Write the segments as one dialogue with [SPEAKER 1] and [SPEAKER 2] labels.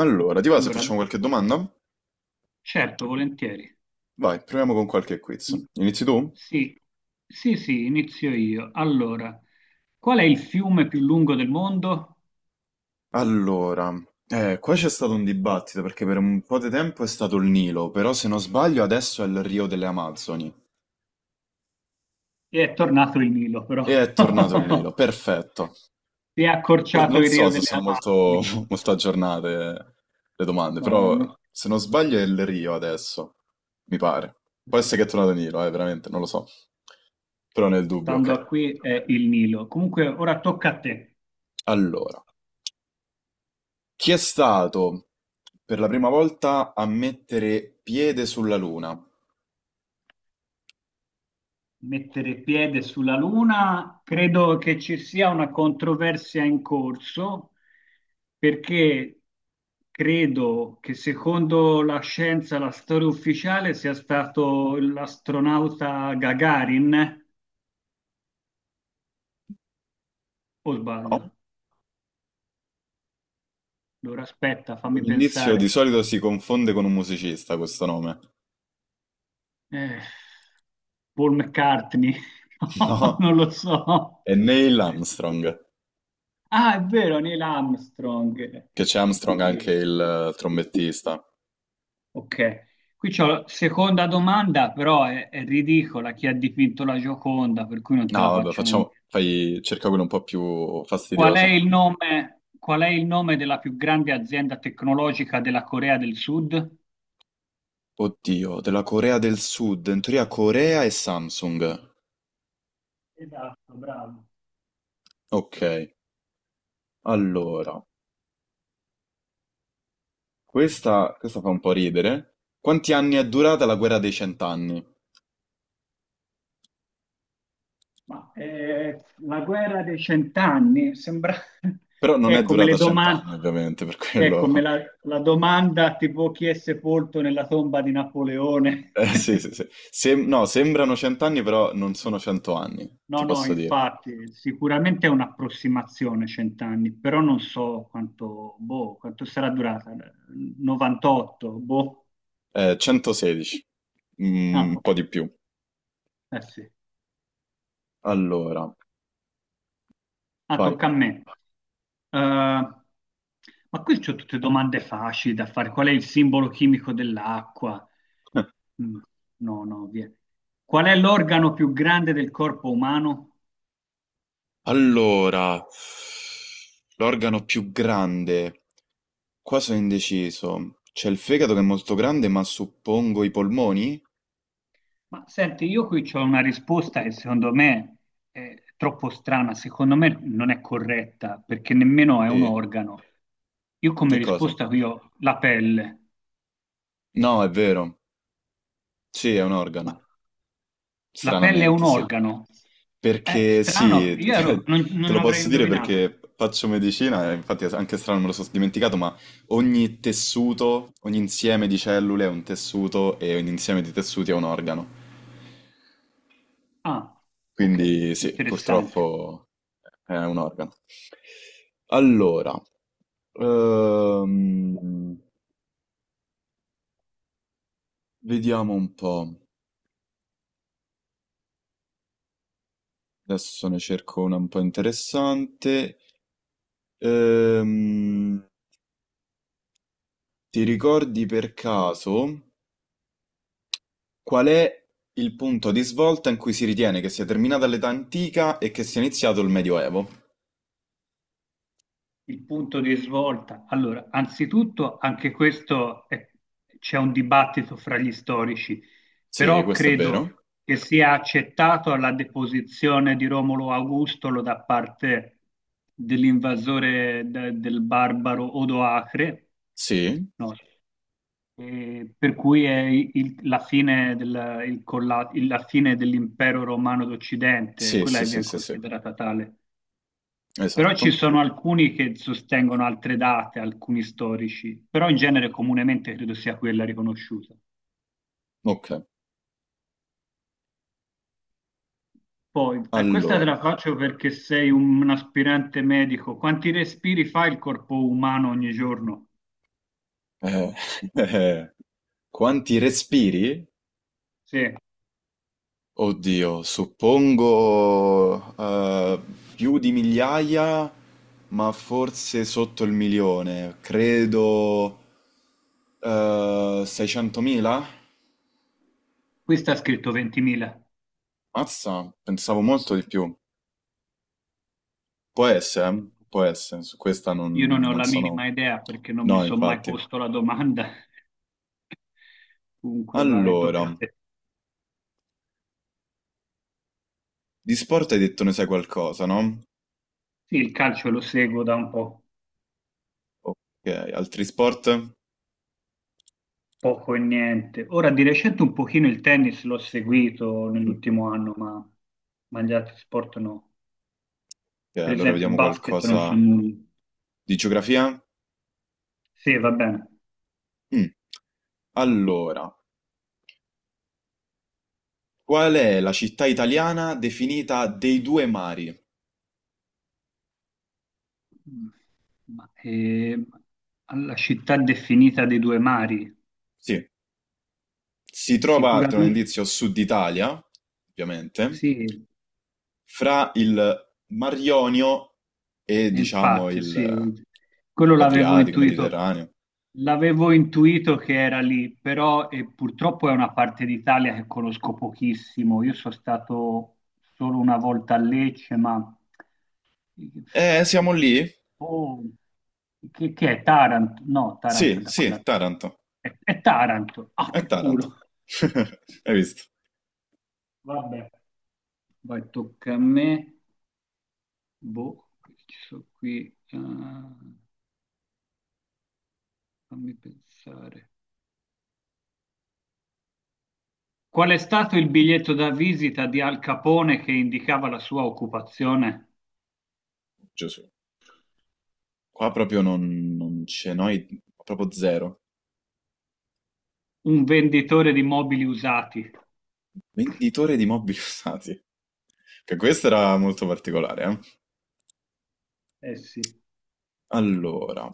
[SPEAKER 1] Allora, ti va se
[SPEAKER 2] Allora,
[SPEAKER 1] facciamo qualche domanda?
[SPEAKER 2] certo, volentieri.
[SPEAKER 1] Vai, proviamo con qualche
[SPEAKER 2] Mm.
[SPEAKER 1] quiz. Inizi tu?
[SPEAKER 2] Sì, sì, sì, inizio io. Allora, qual è il fiume più lungo del mondo?
[SPEAKER 1] Allora, qua c'è stato un dibattito perché per un po' di tempo è stato il Nilo, però se non sbaglio adesso è il Rio delle Amazzoni.
[SPEAKER 2] E è tornato il Nilo,
[SPEAKER 1] E è
[SPEAKER 2] però.
[SPEAKER 1] tornato il Nilo, perfetto.
[SPEAKER 2] Si è accorciato
[SPEAKER 1] Non
[SPEAKER 2] il Rio
[SPEAKER 1] so se
[SPEAKER 2] delle
[SPEAKER 1] sono molto,
[SPEAKER 2] Amazzoni.
[SPEAKER 1] molto aggiornate le domande,
[SPEAKER 2] No,
[SPEAKER 1] però se non sbaglio è il Rio adesso, mi pare. Può essere che è tornato il Nilo, veramente, non lo so. Però nel dubbio,
[SPEAKER 2] stando a
[SPEAKER 1] ok.
[SPEAKER 2] qui è il Nilo. Comunque, ora tocca a te.
[SPEAKER 1] Allora. Chi è stato per la prima volta a mettere piede sulla Luna?
[SPEAKER 2] Mettere piede sulla Luna, credo che ci sia una controversia in corso perché credo che secondo la scienza, la storia ufficiale sia stato l'astronauta Gagarin, o
[SPEAKER 1] No?
[SPEAKER 2] sbaglio? Allora aspetta, fammi
[SPEAKER 1] Un indizio di
[SPEAKER 2] pensare.
[SPEAKER 1] solito si confonde con un musicista questo nome.
[SPEAKER 2] Eh, Paul McCartney. No,
[SPEAKER 1] No?
[SPEAKER 2] non lo so.
[SPEAKER 1] È Neil Armstrong,
[SPEAKER 2] Ah, è vero, Neil Armstrong.
[SPEAKER 1] che c'è Armstrong anche
[SPEAKER 2] Eh,
[SPEAKER 1] il trombettista.
[SPEAKER 2] Ok, qui c'ho la seconda domanda, però è ridicola, chi ha dipinto la Gioconda, per cui non
[SPEAKER 1] No,
[SPEAKER 2] te la
[SPEAKER 1] vabbè,
[SPEAKER 2] faccio nemmeno.
[SPEAKER 1] facciamo, fai, cerca quello un po' più
[SPEAKER 2] Qual è
[SPEAKER 1] fastidioso.
[SPEAKER 2] il nome, qual è il nome della più grande azienda tecnologica della Corea del Sud?
[SPEAKER 1] Oddio, della Corea del Sud, in teoria Corea e Samsung.
[SPEAKER 2] Esatto, bravo.
[SPEAKER 1] Ok, allora, questa fa un po' ridere. Quanti anni è durata la guerra dei cent'anni?
[SPEAKER 2] Ma la guerra dei cent'anni sembra
[SPEAKER 1] Però
[SPEAKER 2] che
[SPEAKER 1] non
[SPEAKER 2] è
[SPEAKER 1] è
[SPEAKER 2] come
[SPEAKER 1] durata
[SPEAKER 2] le domande,
[SPEAKER 1] cent'anni, ovviamente, per
[SPEAKER 2] che è come
[SPEAKER 1] quello.
[SPEAKER 2] la, la domanda tipo chi è sepolto nella tomba di Napoleone.
[SPEAKER 1] Sì, sì, sì. No, sembrano cent'anni, però non sono 100 anni, ti
[SPEAKER 2] No, no,
[SPEAKER 1] posso dire.
[SPEAKER 2] infatti, sicuramente è un'approssimazione cent'anni, però non so quanto, boh, quanto sarà durata. 98, boh.
[SPEAKER 1] 116, Mm,
[SPEAKER 2] Ah,
[SPEAKER 1] un
[SPEAKER 2] ok.
[SPEAKER 1] po' di più.
[SPEAKER 2] Eh sì.
[SPEAKER 1] Allora,
[SPEAKER 2] Ah,
[SPEAKER 1] vai.
[SPEAKER 2] tocca a me. Eh, ma qui c'ho tutte domande facili da fare. Qual è il simbolo chimico dell'acqua? Mm, no, no, via. Qual è l'organo più grande del corpo umano?
[SPEAKER 1] Allora, l'organo più grande. Qua sono indeciso. C'è il fegato che è molto grande, ma suppongo i polmoni?
[SPEAKER 2] Ma senti, io qui c'ho una risposta che secondo me è troppo strana, secondo me non è corretta perché nemmeno è un
[SPEAKER 1] Sì.
[SPEAKER 2] organo. Io come
[SPEAKER 1] Che cosa?
[SPEAKER 2] risposta qui ho la pelle,
[SPEAKER 1] No, è vero. Sì, è un
[SPEAKER 2] ma
[SPEAKER 1] organo.
[SPEAKER 2] la pelle è un
[SPEAKER 1] Stranamente, sì.
[SPEAKER 2] organo? È
[SPEAKER 1] Perché
[SPEAKER 2] strano,
[SPEAKER 1] sì,
[SPEAKER 2] io ero- non,
[SPEAKER 1] te
[SPEAKER 2] non
[SPEAKER 1] lo
[SPEAKER 2] l'avrei
[SPEAKER 1] posso dire
[SPEAKER 2] indovinato.
[SPEAKER 1] perché faccio medicina, e infatti è anche strano me lo sono dimenticato, ma ogni tessuto, ogni insieme di cellule è un tessuto e ogni insieme di tessuti è un organo.
[SPEAKER 2] Ah, ok,
[SPEAKER 1] Quindi sì,
[SPEAKER 2] interessante.
[SPEAKER 1] purtroppo è un organo. Allora, ehm, vediamo un po'. Adesso ne cerco una un po' interessante. Ehm, ti ricordi per caso? Qual è il punto di svolta in cui si ritiene che sia terminata l'età antica e che sia iniziato il Medioevo?
[SPEAKER 2] Il punto di svolta. Allora, anzitutto anche c'è un dibattito fra gli storici,
[SPEAKER 1] Sì,
[SPEAKER 2] però
[SPEAKER 1] questo è vero.
[SPEAKER 2] credo che sia accettato la deposizione di Romolo Augustolo da parte dell'invasore del barbaro Odoacre,
[SPEAKER 1] Sì,
[SPEAKER 2] no, per cui è il- la fine del- il colla- il- la fine dell'impero romano d'Occidente,
[SPEAKER 1] sì,
[SPEAKER 2] quella
[SPEAKER 1] sì,
[SPEAKER 2] che
[SPEAKER 1] sì,
[SPEAKER 2] viene
[SPEAKER 1] sì, sì.
[SPEAKER 2] considerata tale. Però ci
[SPEAKER 1] Esatto.
[SPEAKER 2] sono alcuni che sostengono altre date, alcuni storici, però in genere comunemente credo sia quella riconosciuta.
[SPEAKER 1] Ok,
[SPEAKER 2] Poi, questa te
[SPEAKER 1] allora.
[SPEAKER 2] la faccio perché sei un aspirante medico. Quanti respiri fa il corpo umano ogni giorno?
[SPEAKER 1] eh, eh, quanti respiri?
[SPEAKER 2] Sì,
[SPEAKER 1] Oddio, suppongo più di migliaia, ma forse sotto il milione. Credo 600.000?
[SPEAKER 2] qui sta scritto 20.000.
[SPEAKER 1] Mazza, pensavo molto di più. Può essere, eh? Può essere, su questa
[SPEAKER 2] Io non ne ho
[SPEAKER 1] non
[SPEAKER 2] la
[SPEAKER 1] sono.
[SPEAKER 2] minima idea perché non mi
[SPEAKER 1] No,
[SPEAKER 2] sono mai
[SPEAKER 1] infatti.
[SPEAKER 2] posto la domanda. Comunque vai,
[SPEAKER 1] Allora,
[SPEAKER 2] tocca a te.
[SPEAKER 1] di sport hai detto ne sai qualcosa, no?
[SPEAKER 2] Sì, il calcio lo seguo da un po'.
[SPEAKER 1] Ok, altri sport?
[SPEAKER 2] Poco e niente. Ora di recente un pochino il tennis l'ho seguito nell'ultimo anno, ma gli altri sport no.
[SPEAKER 1] Ok,
[SPEAKER 2] Per
[SPEAKER 1] allora
[SPEAKER 2] esempio il
[SPEAKER 1] vediamo
[SPEAKER 2] basket non so
[SPEAKER 1] qualcosa
[SPEAKER 2] nulla.
[SPEAKER 1] di geografia.
[SPEAKER 2] Sì, va bene.
[SPEAKER 1] Mm. Allora, qual è la città italiana definita dei due mari?
[SPEAKER 2] Ma, alla città definita dei due mari,
[SPEAKER 1] Sì, si trova, tra un
[SPEAKER 2] sicuramente
[SPEAKER 1] indizio, Sud Italia, ovviamente,
[SPEAKER 2] sì.
[SPEAKER 1] fra il Mar Ionio e diciamo
[SPEAKER 2] Infatti,
[SPEAKER 1] il
[SPEAKER 2] sì, quello l'avevo
[SPEAKER 1] l'Adriatico,
[SPEAKER 2] intuito.
[SPEAKER 1] Mediterraneo.
[SPEAKER 2] L'avevo intuito che era lì, però e purtroppo è una parte d'Italia che conosco pochissimo. Io sono stato solo una volta a Lecce, ma
[SPEAKER 1] Siamo lì?
[SPEAKER 2] oh, che è Taranto? No, Taranto è
[SPEAKER 1] Sì,
[SPEAKER 2] da quella
[SPEAKER 1] sì,
[SPEAKER 2] parte.
[SPEAKER 1] Taranto.
[SPEAKER 2] È Taranto. Ah,
[SPEAKER 1] È
[SPEAKER 2] che
[SPEAKER 1] Taranto.
[SPEAKER 2] culo.
[SPEAKER 1] Hai visto?
[SPEAKER 2] Vabbè, vai, tocca a me. Boh, che ci sono qui. Ah, fammi pensare. Qual è stato il biglietto da visita di Al Capone che indicava la sua occupazione?
[SPEAKER 1] Gesù. Qua proprio non c'è noi, proprio zero.
[SPEAKER 2] Un venditore di mobili usati.
[SPEAKER 1] Venditore di mobili usati. Che questo era molto particolare, eh.
[SPEAKER 2] Eh sì,
[SPEAKER 1] Allora,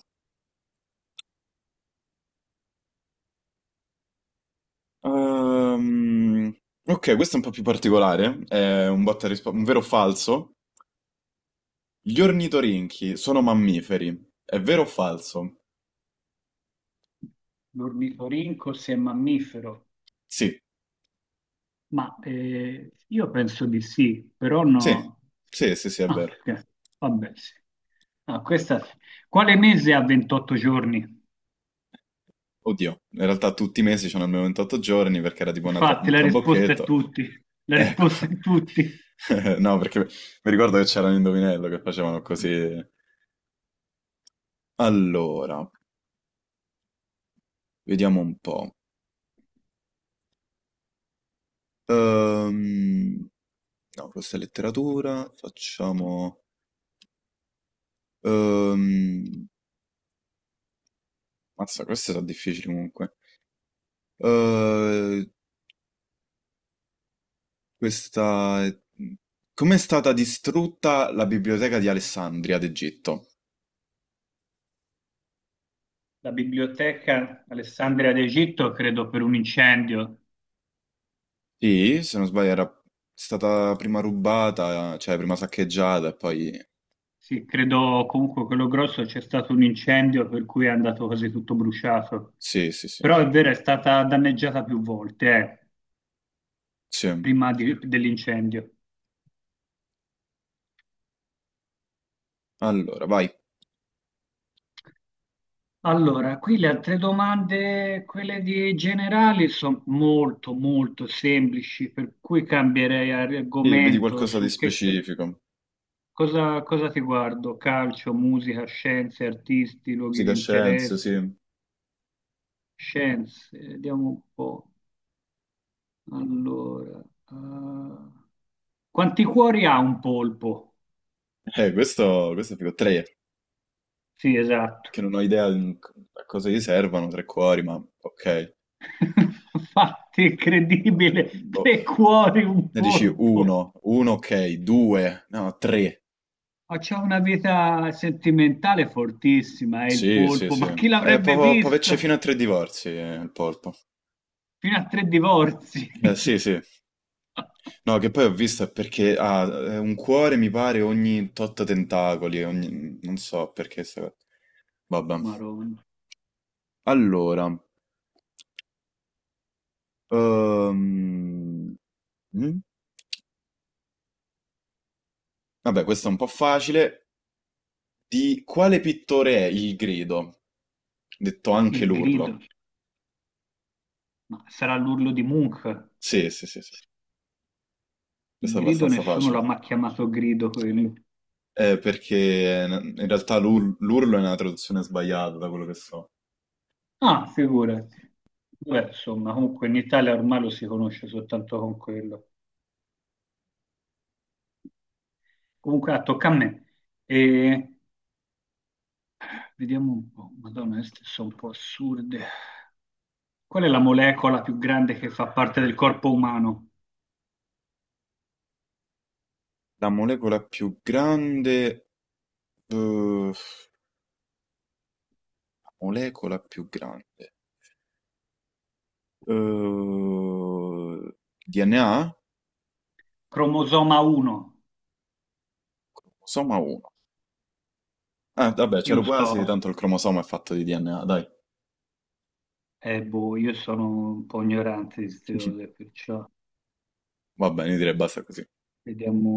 [SPEAKER 1] ehm, ok, questo è un po' più particolare. È un botta e risposta, un vero o falso. Gli ornitorinchi sono mammiferi, è vero o falso?
[SPEAKER 2] l'ornitorinco se è mammifero.
[SPEAKER 1] Sì,
[SPEAKER 2] Ma io penso di sì, però
[SPEAKER 1] sì,
[SPEAKER 2] no.
[SPEAKER 1] sì, sì, sì, è
[SPEAKER 2] Ah,
[SPEAKER 1] vero.
[SPEAKER 2] vabbè, sì. Ah, questa sì. Quale mese ha 28 giorni?
[SPEAKER 1] Oddio, in realtà tutti i mesi c'hanno almeno 28 giorni perché era tipo una
[SPEAKER 2] Infatti,
[SPEAKER 1] un
[SPEAKER 2] la risposta è
[SPEAKER 1] trabocchetto.
[SPEAKER 2] tutti. La
[SPEAKER 1] Ecco.
[SPEAKER 2] risposta è tutti.
[SPEAKER 1] No, perché mi ricordo che c'era un indovinello che facevano così. Allora, vediamo un po'. Ehm, no, questa è letteratura, facciamo. Ehm, mazza, queste sono difficili comunque. Ehm, Questa... Come è stata distrutta la biblioteca di Alessandria d'Egitto?
[SPEAKER 2] La biblioteca Alessandria d'Egitto, credo, per un incendio.
[SPEAKER 1] Sì, se non sbaglio era stata prima rubata, cioè prima saccheggiata e poi.
[SPEAKER 2] Sì, credo comunque quello grosso c'è stato un incendio per cui è andato quasi tutto bruciato.
[SPEAKER 1] Sì, sì, sì.
[SPEAKER 2] Però è vero, è stata danneggiata più volte,
[SPEAKER 1] Sì.
[SPEAKER 2] prima dell'incendio.
[SPEAKER 1] Allora, vai.
[SPEAKER 2] Allora, qui le altre domande, quelle di generali, sono molto, molto semplici, per cui cambierei
[SPEAKER 1] Sì, vedi
[SPEAKER 2] argomento
[SPEAKER 1] qualcosa di
[SPEAKER 2] su che,
[SPEAKER 1] specifico.
[SPEAKER 2] cosa ti guardo? Calcio, musica, scienze, artisti, luoghi di
[SPEAKER 1] Psicoscienze, sì.
[SPEAKER 2] interesse, scienze, vediamo un po'. Allora, ah, quanti cuori ha un polpo?
[SPEAKER 1] Questo è figo. Tre,
[SPEAKER 2] Sì, esatto.
[SPEAKER 1] che non ho idea a cosa gli servano, tre cuori, ma ok.
[SPEAKER 2] Fatti incredibile,
[SPEAKER 1] Boh.
[SPEAKER 2] tre cuori, un
[SPEAKER 1] Ne dici
[SPEAKER 2] polpo.
[SPEAKER 1] uno, uno ok, due, no, tre.
[SPEAKER 2] Ma c'ha una vita sentimentale fortissima, è il
[SPEAKER 1] Sì, sì,
[SPEAKER 2] polpo.
[SPEAKER 1] sì.
[SPEAKER 2] Ma chi l'avrebbe
[SPEAKER 1] Può averci
[SPEAKER 2] visto?
[SPEAKER 1] fino a tre divorzi il polpo.
[SPEAKER 2] Fino a tre divorzi.
[SPEAKER 1] Sì, sì. No, che poi ho visto è perché ha un cuore, mi pare, ogni tot tentacoli, ogni. Non so perché sta cosa. Vabbè.
[SPEAKER 2] Maronna.
[SPEAKER 1] Allora, ehm, mm? Vabbè, questo è un po' facile. Di quale pittore è il grido? Detto anche
[SPEAKER 2] Il grido.
[SPEAKER 1] l'urlo.
[SPEAKER 2] Ma sarà l'urlo di Munch.
[SPEAKER 1] Sì, sì, sì, sì.
[SPEAKER 2] Il
[SPEAKER 1] Questo è
[SPEAKER 2] grido,
[SPEAKER 1] abbastanza
[SPEAKER 2] nessuno l'ha
[SPEAKER 1] facile.
[SPEAKER 2] mai chiamato grido quello.
[SPEAKER 1] Perché in realtà l'urlo è una traduzione sbagliata da quello che so.
[SPEAKER 2] Ah, figurati. Beh, insomma, comunque in Italia ormai lo si conosce soltanto con quello. Comunque, ah, tocca a me. E vediamo un po'. Madonna, queste sono un po' assurde. Qual è la molecola più grande che fa parte del corpo umano?
[SPEAKER 1] La molecola più grande. eh, molecola più grande. eh, DNA?
[SPEAKER 2] Cromosoma 1.
[SPEAKER 1] Cromosoma 1. Vabbè,
[SPEAKER 2] Io
[SPEAKER 1] c'ero
[SPEAKER 2] non so,
[SPEAKER 1] quasi, tanto il cromosoma è fatto di DNA, dai.
[SPEAKER 2] boh, io sono un po' ignorante di queste cose, perciò
[SPEAKER 1] Va bene, io direi basta così.
[SPEAKER 2] vediamo.